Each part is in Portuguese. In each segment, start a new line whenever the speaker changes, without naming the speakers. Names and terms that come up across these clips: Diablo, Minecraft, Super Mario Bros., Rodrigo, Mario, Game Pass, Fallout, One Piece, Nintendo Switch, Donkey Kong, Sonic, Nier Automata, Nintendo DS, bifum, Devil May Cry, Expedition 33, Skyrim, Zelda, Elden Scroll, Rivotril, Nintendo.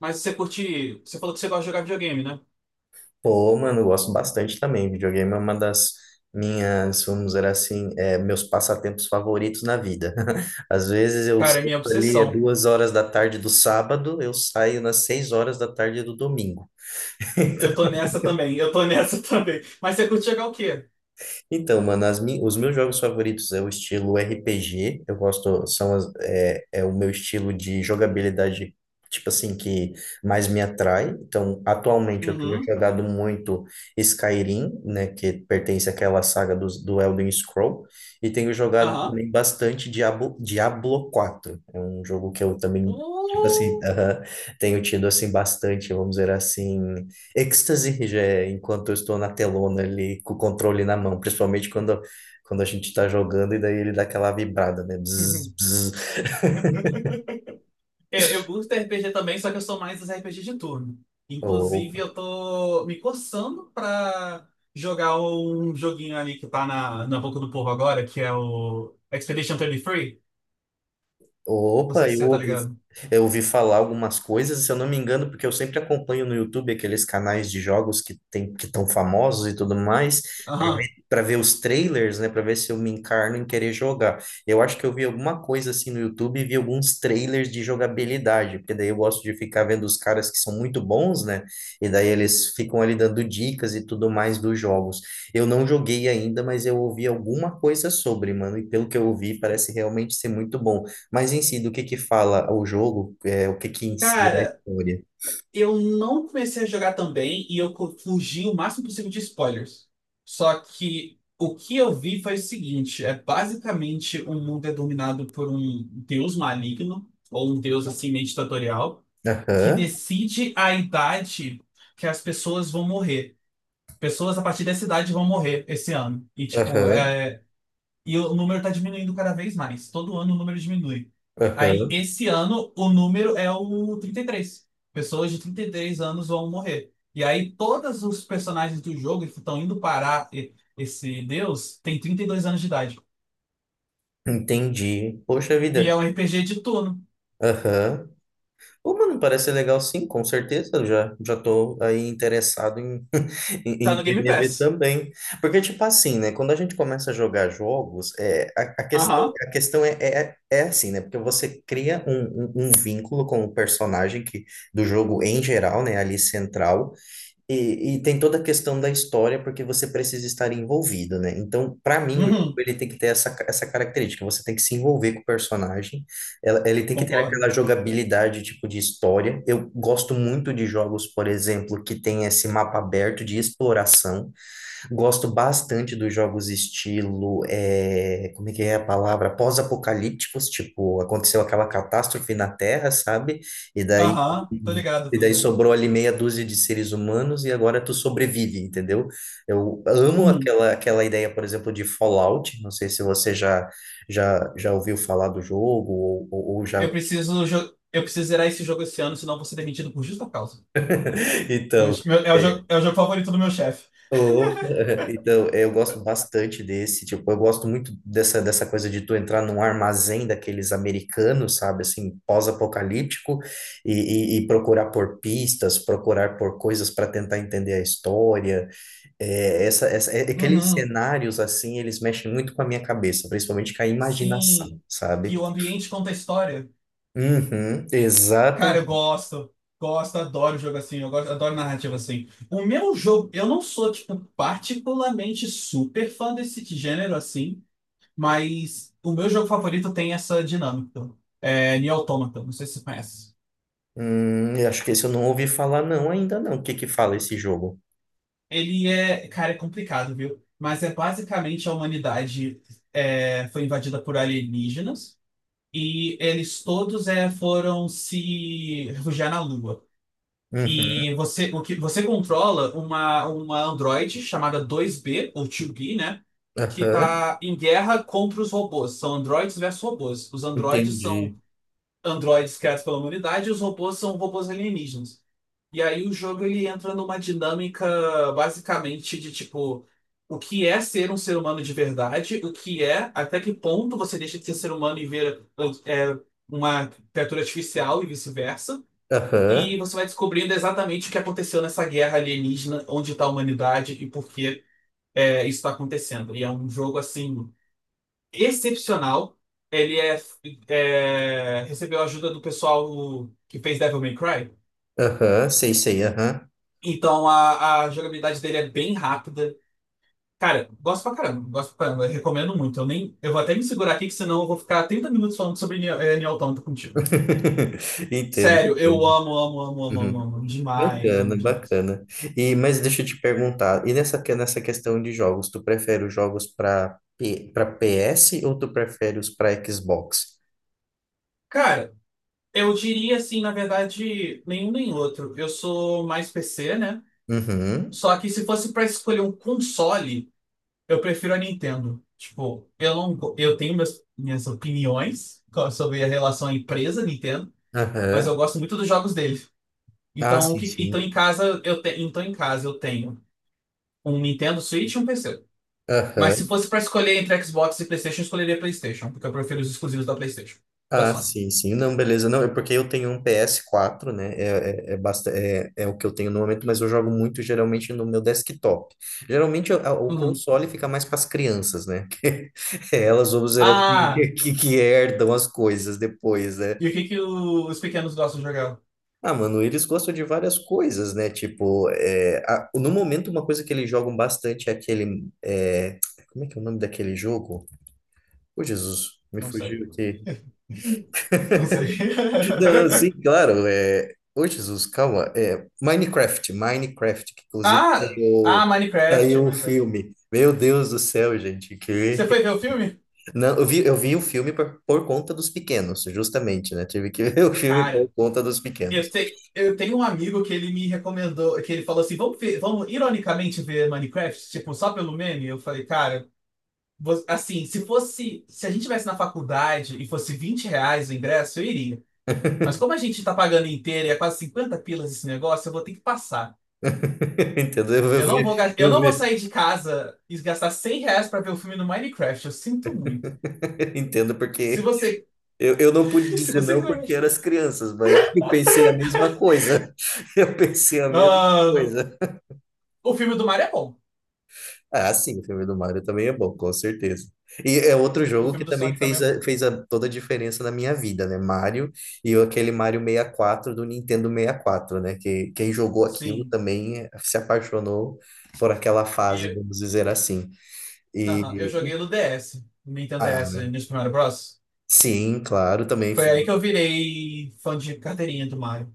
Mas você curte. Você falou que você gosta de jogar videogame, né?
Pô, mano, eu gosto bastante também. Videogame é uma das minhas, vamos dizer assim, meus passatempos favoritos na vida. Às vezes eu
Cara, é
sento
minha
ali às
obsessão.
2 horas da tarde do sábado, eu saio nas 6 horas da tarde do domingo.
Eu tô nessa também, eu tô nessa também. Mas você curte jogar o quê?
Então, mano, os meus jogos favoritos é o estilo RPG. Eu gosto, é o meu estilo de jogabilidade, tipo assim, que mais me atrai. Então, atualmente eu tenho
Uhum.
jogado muito Skyrim, né, que pertence àquela saga do Elden Scroll, e tenho jogado
Aham.
também bastante Diablo, Diablo 4. É um jogo que eu também, tipo assim,
Uh.
aham, tenho tido assim bastante, vamos dizer assim, êxtase já, enquanto eu estou na telona ali com o controle na mão, principalmente quando a gente está jogando e daí ele dá aquela vibrada, né? Bzz, bzz.
É, eu curto RPG também, só que eu sou mais dos RPG de turno.
O,
Inclusive, eu tô me coçando pra jogar um joguinho ali que tá na boca do povo agora, que é o Expedition 33. Não sei
Opa,
se você tá ligado.
eu ouvi falar algumas coisas, se eu não me engano, porque eu sempre acompanho no YouTube aqueles canais de jogos que tem, que estão famosos e tudo mais,
Aham.
para ver os trailers, né, para ver se eu me encarno em querer jogar. Eu acho que eu vi alguma coisa assim no YouTube e vi alguns trailers de jogabilidade, porque daí eu gosto de ficar vendo os caras que são muito bons, né, e daí eles ficam ali dando dicas e tudo mais dos jogos. Eu não joguei ainda, mas eu ouvi alguma coisa sobre, mano, e pelo que eu ouvi, parece realmente ser muito bom. Mas em si, do que fala o jogo? O que que em si é a
Cara,
história?
eu não comecei a jogar também e eu fugi o máximo possível de spoilers. Só que o que eu vi foi o seguinte: é basicamente o mundo é dominado por um deus maligno, ou um deus assim meio ditatorial, que
Aham,
decide a idade que as pessoas vão morrer. Pessoas a partir dessa idade vão morrer esse ano. E, tipo,
aham,
e o número está diminuindo cada vez mais. Todo ano o número diminui. Aí,
aham.
esse ano, o número é o trinta e três. Pessoas de 33 anos vão morrer. E aí, todos os personagens do jogo que estão indo parar esse Deus tem 32 anos de idade.
Entendi. Poxa
E
vida.
é um RPG de turno.
Aham. Pô, mano, parece ser legal sim, com certeza. Eu já tô aí interessado em,
Tá
em
no Game
querer ver
Pass.
também. Porque, tipo assim, né? Quando a gente começa a jogar jogos, a questão,
Aham.
a questão é assim, né? Porque você cria um vínculo com o personagem que, do jogo em geral, né? Ali central. E tem toda a questão da história, porque você precisa estar envolvido, né? Então, para mim, o jogo
Uhum,
ele tem que ter essa característica. Você tem que se envolver com o personagem, ele tem que ter aquela
concordo.
jogabilidade, tipo, de história. Eu gosto muito de jogos, por exemplo, que tem esse mapa aberto de exploração. Gosto bastante dos jogos estilo, é, como é que é a palavra? Pós-apocalípticos, tipo, aconteceu aquela catástrofe na Terra, sabe? E daí,
Aham, tô ligado,
e
tô
daí
ligado.
sobrou ali meia dúzia de seres humanos e agora tu sobrevive, entendeu? Eu amo
Uhum.
aquela ideia, por exemplo, de Fallout. Não sei se você já ouviu falar do jogo ou já.
Eu preciso zerar esse jogo esse ano, senão eu vou ser demitido por justa causa.
Então. é,
É o jogo favorito do meu chefe.
Opa, Então, é, eu gosto bastante desse, tipo, eu gosto muito dessa coisa de tu entrar num armazém daqueles americanos, sabe, assim, pós-apocalíptico, e procurar por pistas, procurar por coisas para tentar entender a história. Aqueles
Uhum,
cenários, assim, eles mexem muito com a minha cabeça, principalmente com a imaginação,
sim, que
sabe?
o ambiente conta a história.
Uhum,
Cara, eu
exatamente.
gosto, gosto, adoro jogo assim, eu gosto, adoro narrativa assim. O meu jogo, eu não sou, tipo, particularmente super fã desse gênero assim, mas o meu jogo favorito tem essa dinâmica. É Nier Automata, não sei se você conhece.
Eu acho que esse eu não ouvi falar não ainda não, o que que fala esse jogo?
Ele é, cara, é complicado, viu? Mas é basicamente a humanidade é, foi invadida por alienígenas. E eles todos é, foram se refugiar na Lua.
Uhum.
E você, o que, você controla uma androide chamada 2B, ou 2B, né? Que
Aham,
tá em guerra contra os robôs. São androides versus robôs. Os androides são
entendi.
androides criados pela humanidade e os robôs são robôs alienígenas. E aí o jogo ele entra numa dinâmica basicamente de tipo o que é ser um ser humano de verdade, o que é, até que ponto você deixa de ser humano e ver é, uma criatura artificial e vice-versa. E
Aham,
você vai descobrindo exatamente o que aconteceu nessa guerra alienígena, onde está a humanidade e por que é, isso está acontecendo. E é um jogo assim excepcional. Ele é, é recebeu a ajuda do pessoal que fez Devil May Cry.
aham, sei, sei, aham.
Então a jogabilidade dele é bem rápida. Cara, gosto pra caramba, recomendo muito. Eu nem, eu vou até me segurar aqui, que senão eu vou ficar 30 minutos falando sobre Nier Automata contigo.
Entendo,
Sério, eu
entendo.
amo, amo, amo, amo, amo,
Uhum.
amo demais, amo
Bacana,
demais.
bacana. E, mas deixa eu te perguntar, e nessa, nessa questão de jogos, tu prefere os jogos para PS ou tu prefere os para Xbox?
Cara, eu diria assim, na verdade, nenhum nem outro. Eu sou mais PC, né?
Uhum,
Só que se fosse pra escolher um console, eu prefiro a Nintendo. Tipo, eu não, go- eu tenho meus, minhas opiniões sobre a relação à empresa Nintendo, mas eu
aham.
gosto muito dos jogos dele.
Ah, sim, sim.
Então em casa eu tenho um Nintendo Switch e um PC. Mas se
Aham.
fosse pra escolher entre Xbox e PlayStation, eu escolheria PlayStation, porque eu prefiro os exclusivos da PlayStation, da
Ah,
Sony.
sim, sim. Não, beleza. Não, é porque eu tenho um PS4, né? É o que eu tenho no momento, mas eu jogo muito geralmente no meu desktop. Geralmente o
Uhum.
console fica mais para as crianças, né? É elas, vamos dizer assim,
Ah,
que herdam as coisas depois, né?
e o que que os pequenos gostam de jogar?
Ah, mano, eles gostam de várias coisas, né? Tipo, no momento, uma coisa que eles jogam bastante é aquele. É, como é que é o nome daquele jogo? Ô, Jesus, me
Não sei.
fugiu aqui.
Não sei.
Não, não, sim, claro. É... Ô, Jesus, calma. É... Minecraft, Minecraft, que inclusive
Ah, ah, Minecraft,
saiu o
Minecraft.
filme. Meu Deus do céu, gente. Que...
Você foi ver o filme?
Não, eu vi o filme por conta dos pequenos, justamente, né? Tive que ver o filme por
Cara,
conta dos pequenos.
eu tenho um amigo que ele me recomendou, que ele falou assim, vamos ver, vamos ironicamente ver Minecraft, tipo, só pelo meme. Eu falei, cara, assim, se fosse. Se a gente tivesse na faculdade e fosse R$ 20 o ingresso, eu iria. Mas como a gente tá pagando inteiro e é quase 50 pilas esse negócio, eu vou ter que passar.
Entendo. Eu, eu vi,
Eu
eu
não vou
vi.
sair de casa e gastar R$ 100 pra ver o filme no Minecraft. Eu sinto muito.
Entendo
Se
porque
você.
eu não pude
Se
dizer
você
não
quiser.
porque eram as crianças, mas eu pensei a mesma coisa. Eu pensei a mesma
Mano,
coisa.
o filme do Mario é bom.
Ah, sim, o filme do Mario também é bom, com certeza. E é outro
O
jogo que
filme do
também
Sonic
fez,
também é
a-
bom.
fez a- toda a diferença na minha vida, né? Mario e aquele Mario 64 do Nintendo 64, né? Que quem jogou aquilo
Sim.
também se apaixonou por aquela fase,
E,
vamos dizer assim.
aham, eu
E,
joguei no
e-
DS, no Nintendo DS,
ah,
no Super Mario Bros.
sim, claro, também.
Foi aí que eu virei fã de carteirinha do Mario.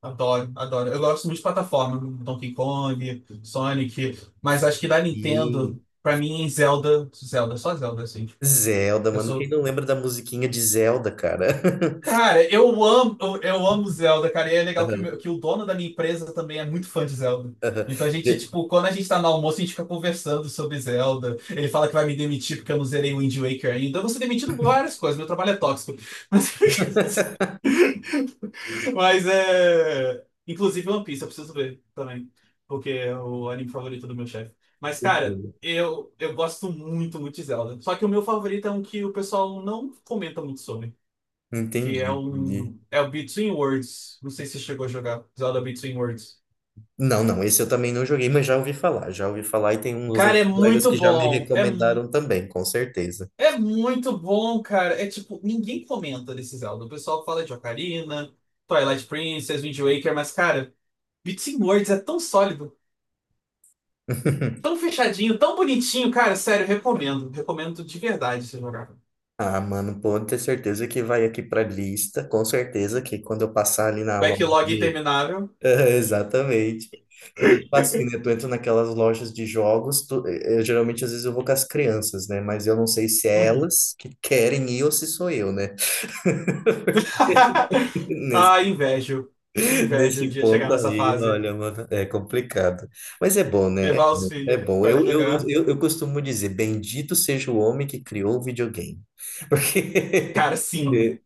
Adoro, adoro. Eu gosto muito de plataforma, Donkey Kong, Sonic, mas acho que da
E
Nintendo, pra mim, Zelda, Zelda, só Zelda, assim.
Zelda,
Eu
mano, quem
sou.
não lembra da musiquinha de Zelda, cara?
Cara, eu amo Zelda, cara, e é legal que
Aham,
que o dono da minha empresa também é muito fã de Zelda.
aham.
Então a gente,
De-
tipo, quando a gente tá no almoço, a gente fica conversando sobre Zelda. Ele fala que vai me demitir porque eu não zerei o Wind Waker ainda. Eu vou ser demitido por várias coisas, meu trabalho é tóxico. Mas... Mas é. Inclusive One Piece, eu preciso ver também. Porque é o anime favorito do meu chefe. Mas, cara,
Entendi.
eu gosto muito, muito de Zelda. Só que o meu favorito é um que o pessoal não comenta muito sobre. Que é
Entendi.
um. É o Between Worlds. Não sei se você chegou a jogar. Zelda Between Worlds.
Não, não, esse eu também não joguei, mas já ouvi falar e tem uns
Cara,
outros
é
colegas
muito
que já me
bom.
recomendaram também, com certeza.
É muito bom, cara. É tipo, ninguém comenta desse Zelda. O pessoal fala de Ocarina, Twilight Princess, Wind Waker, mas, cara, Between Worlds é tão sólido. Tão fechadinho, tão bonitinho, cara, sério, recomendo. Recomendo de verdade você jogar.
Ah, mano, pode ter certeza que vai aqui pra lista, com certeza que quando eu passar ali na loja
Backlog
de...
interminável.
Exatamente. Porque, tipo assim, né, tu entra naquelas lojas de jogos, geralmente às vezes eu vou com as crianças, né, mas eu não sei se é
Uhum.
elas que querem ir ou se sou eu, né.
Ah, invejo. Invejo um
Nesse
dia chegar
ponto
nessa
aí,
fase.
olha, mano, é complicado. Mas é bom, né?
Levar os
É, é
filhos
bom.
pra
Eu, eu,
jogar.
eu, eu costumo dizer, bendito seja o homem que criou o videogame. Porque
Cara, sim.
é,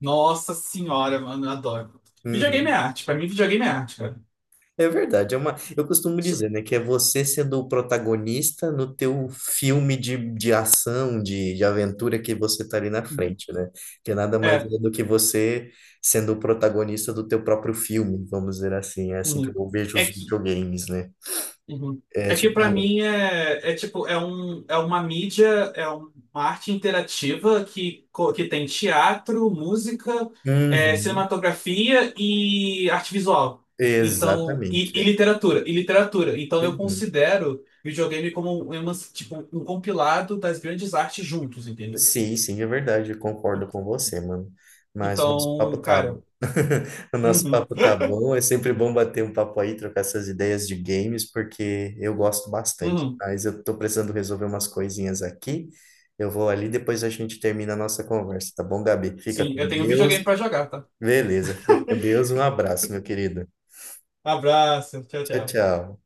Nossa senhora, mano, eu adoro. Videogame é
Uhum.
arte. Pra mim, videogame é arte, cara.
é verdade, é uma, eu costumo
Isso-
dizer, né, que é você sendo o protagonista no teu filme de ação, de aventura que você tá ali na
Uhum.
frente, né? Que nada mais
É.
é do que você sendo o protagonista do teu próprio filme, vamos dizer assim. É assim que
Uhum.
eu vejo
É
os
que
videogames, né?
Uhum.
É
É que pra
tipo,
mim é, é tipo, é, um, é uma mídia, é uma arte interativa que tem teatro, música, é,
Uhum,
cinematografia e arte visual. Então, e
exatamente.
literatura, e literatura. Então eu
Uhum.
considero videogame como um, é uma, tipo, um compilado das grandes artes juntos, entendeu?
Sim, sim, é verdade, eu concordo com você, mano. Mas o nosso papo
Então,
tá bom.
cara,
O nosso
uhum,
papo tá bom, é sempre bom bater um papo aí, trocar essas ideias de games, porque eu gosto bastante.
uhum.
Mas eu tô precisando resolver umas coisinhas aqui. Eu vou ali, depois a gente termina a nossa conversa, tá bom, Gabi? Fica
Sim,
com
eu tenho um videogame
Deus.
pra jogar, tá?
Beleza, fica com Deus. Um abraço, meu querido.
Abraço, tchau,
Tchau,
tchau.
tchau.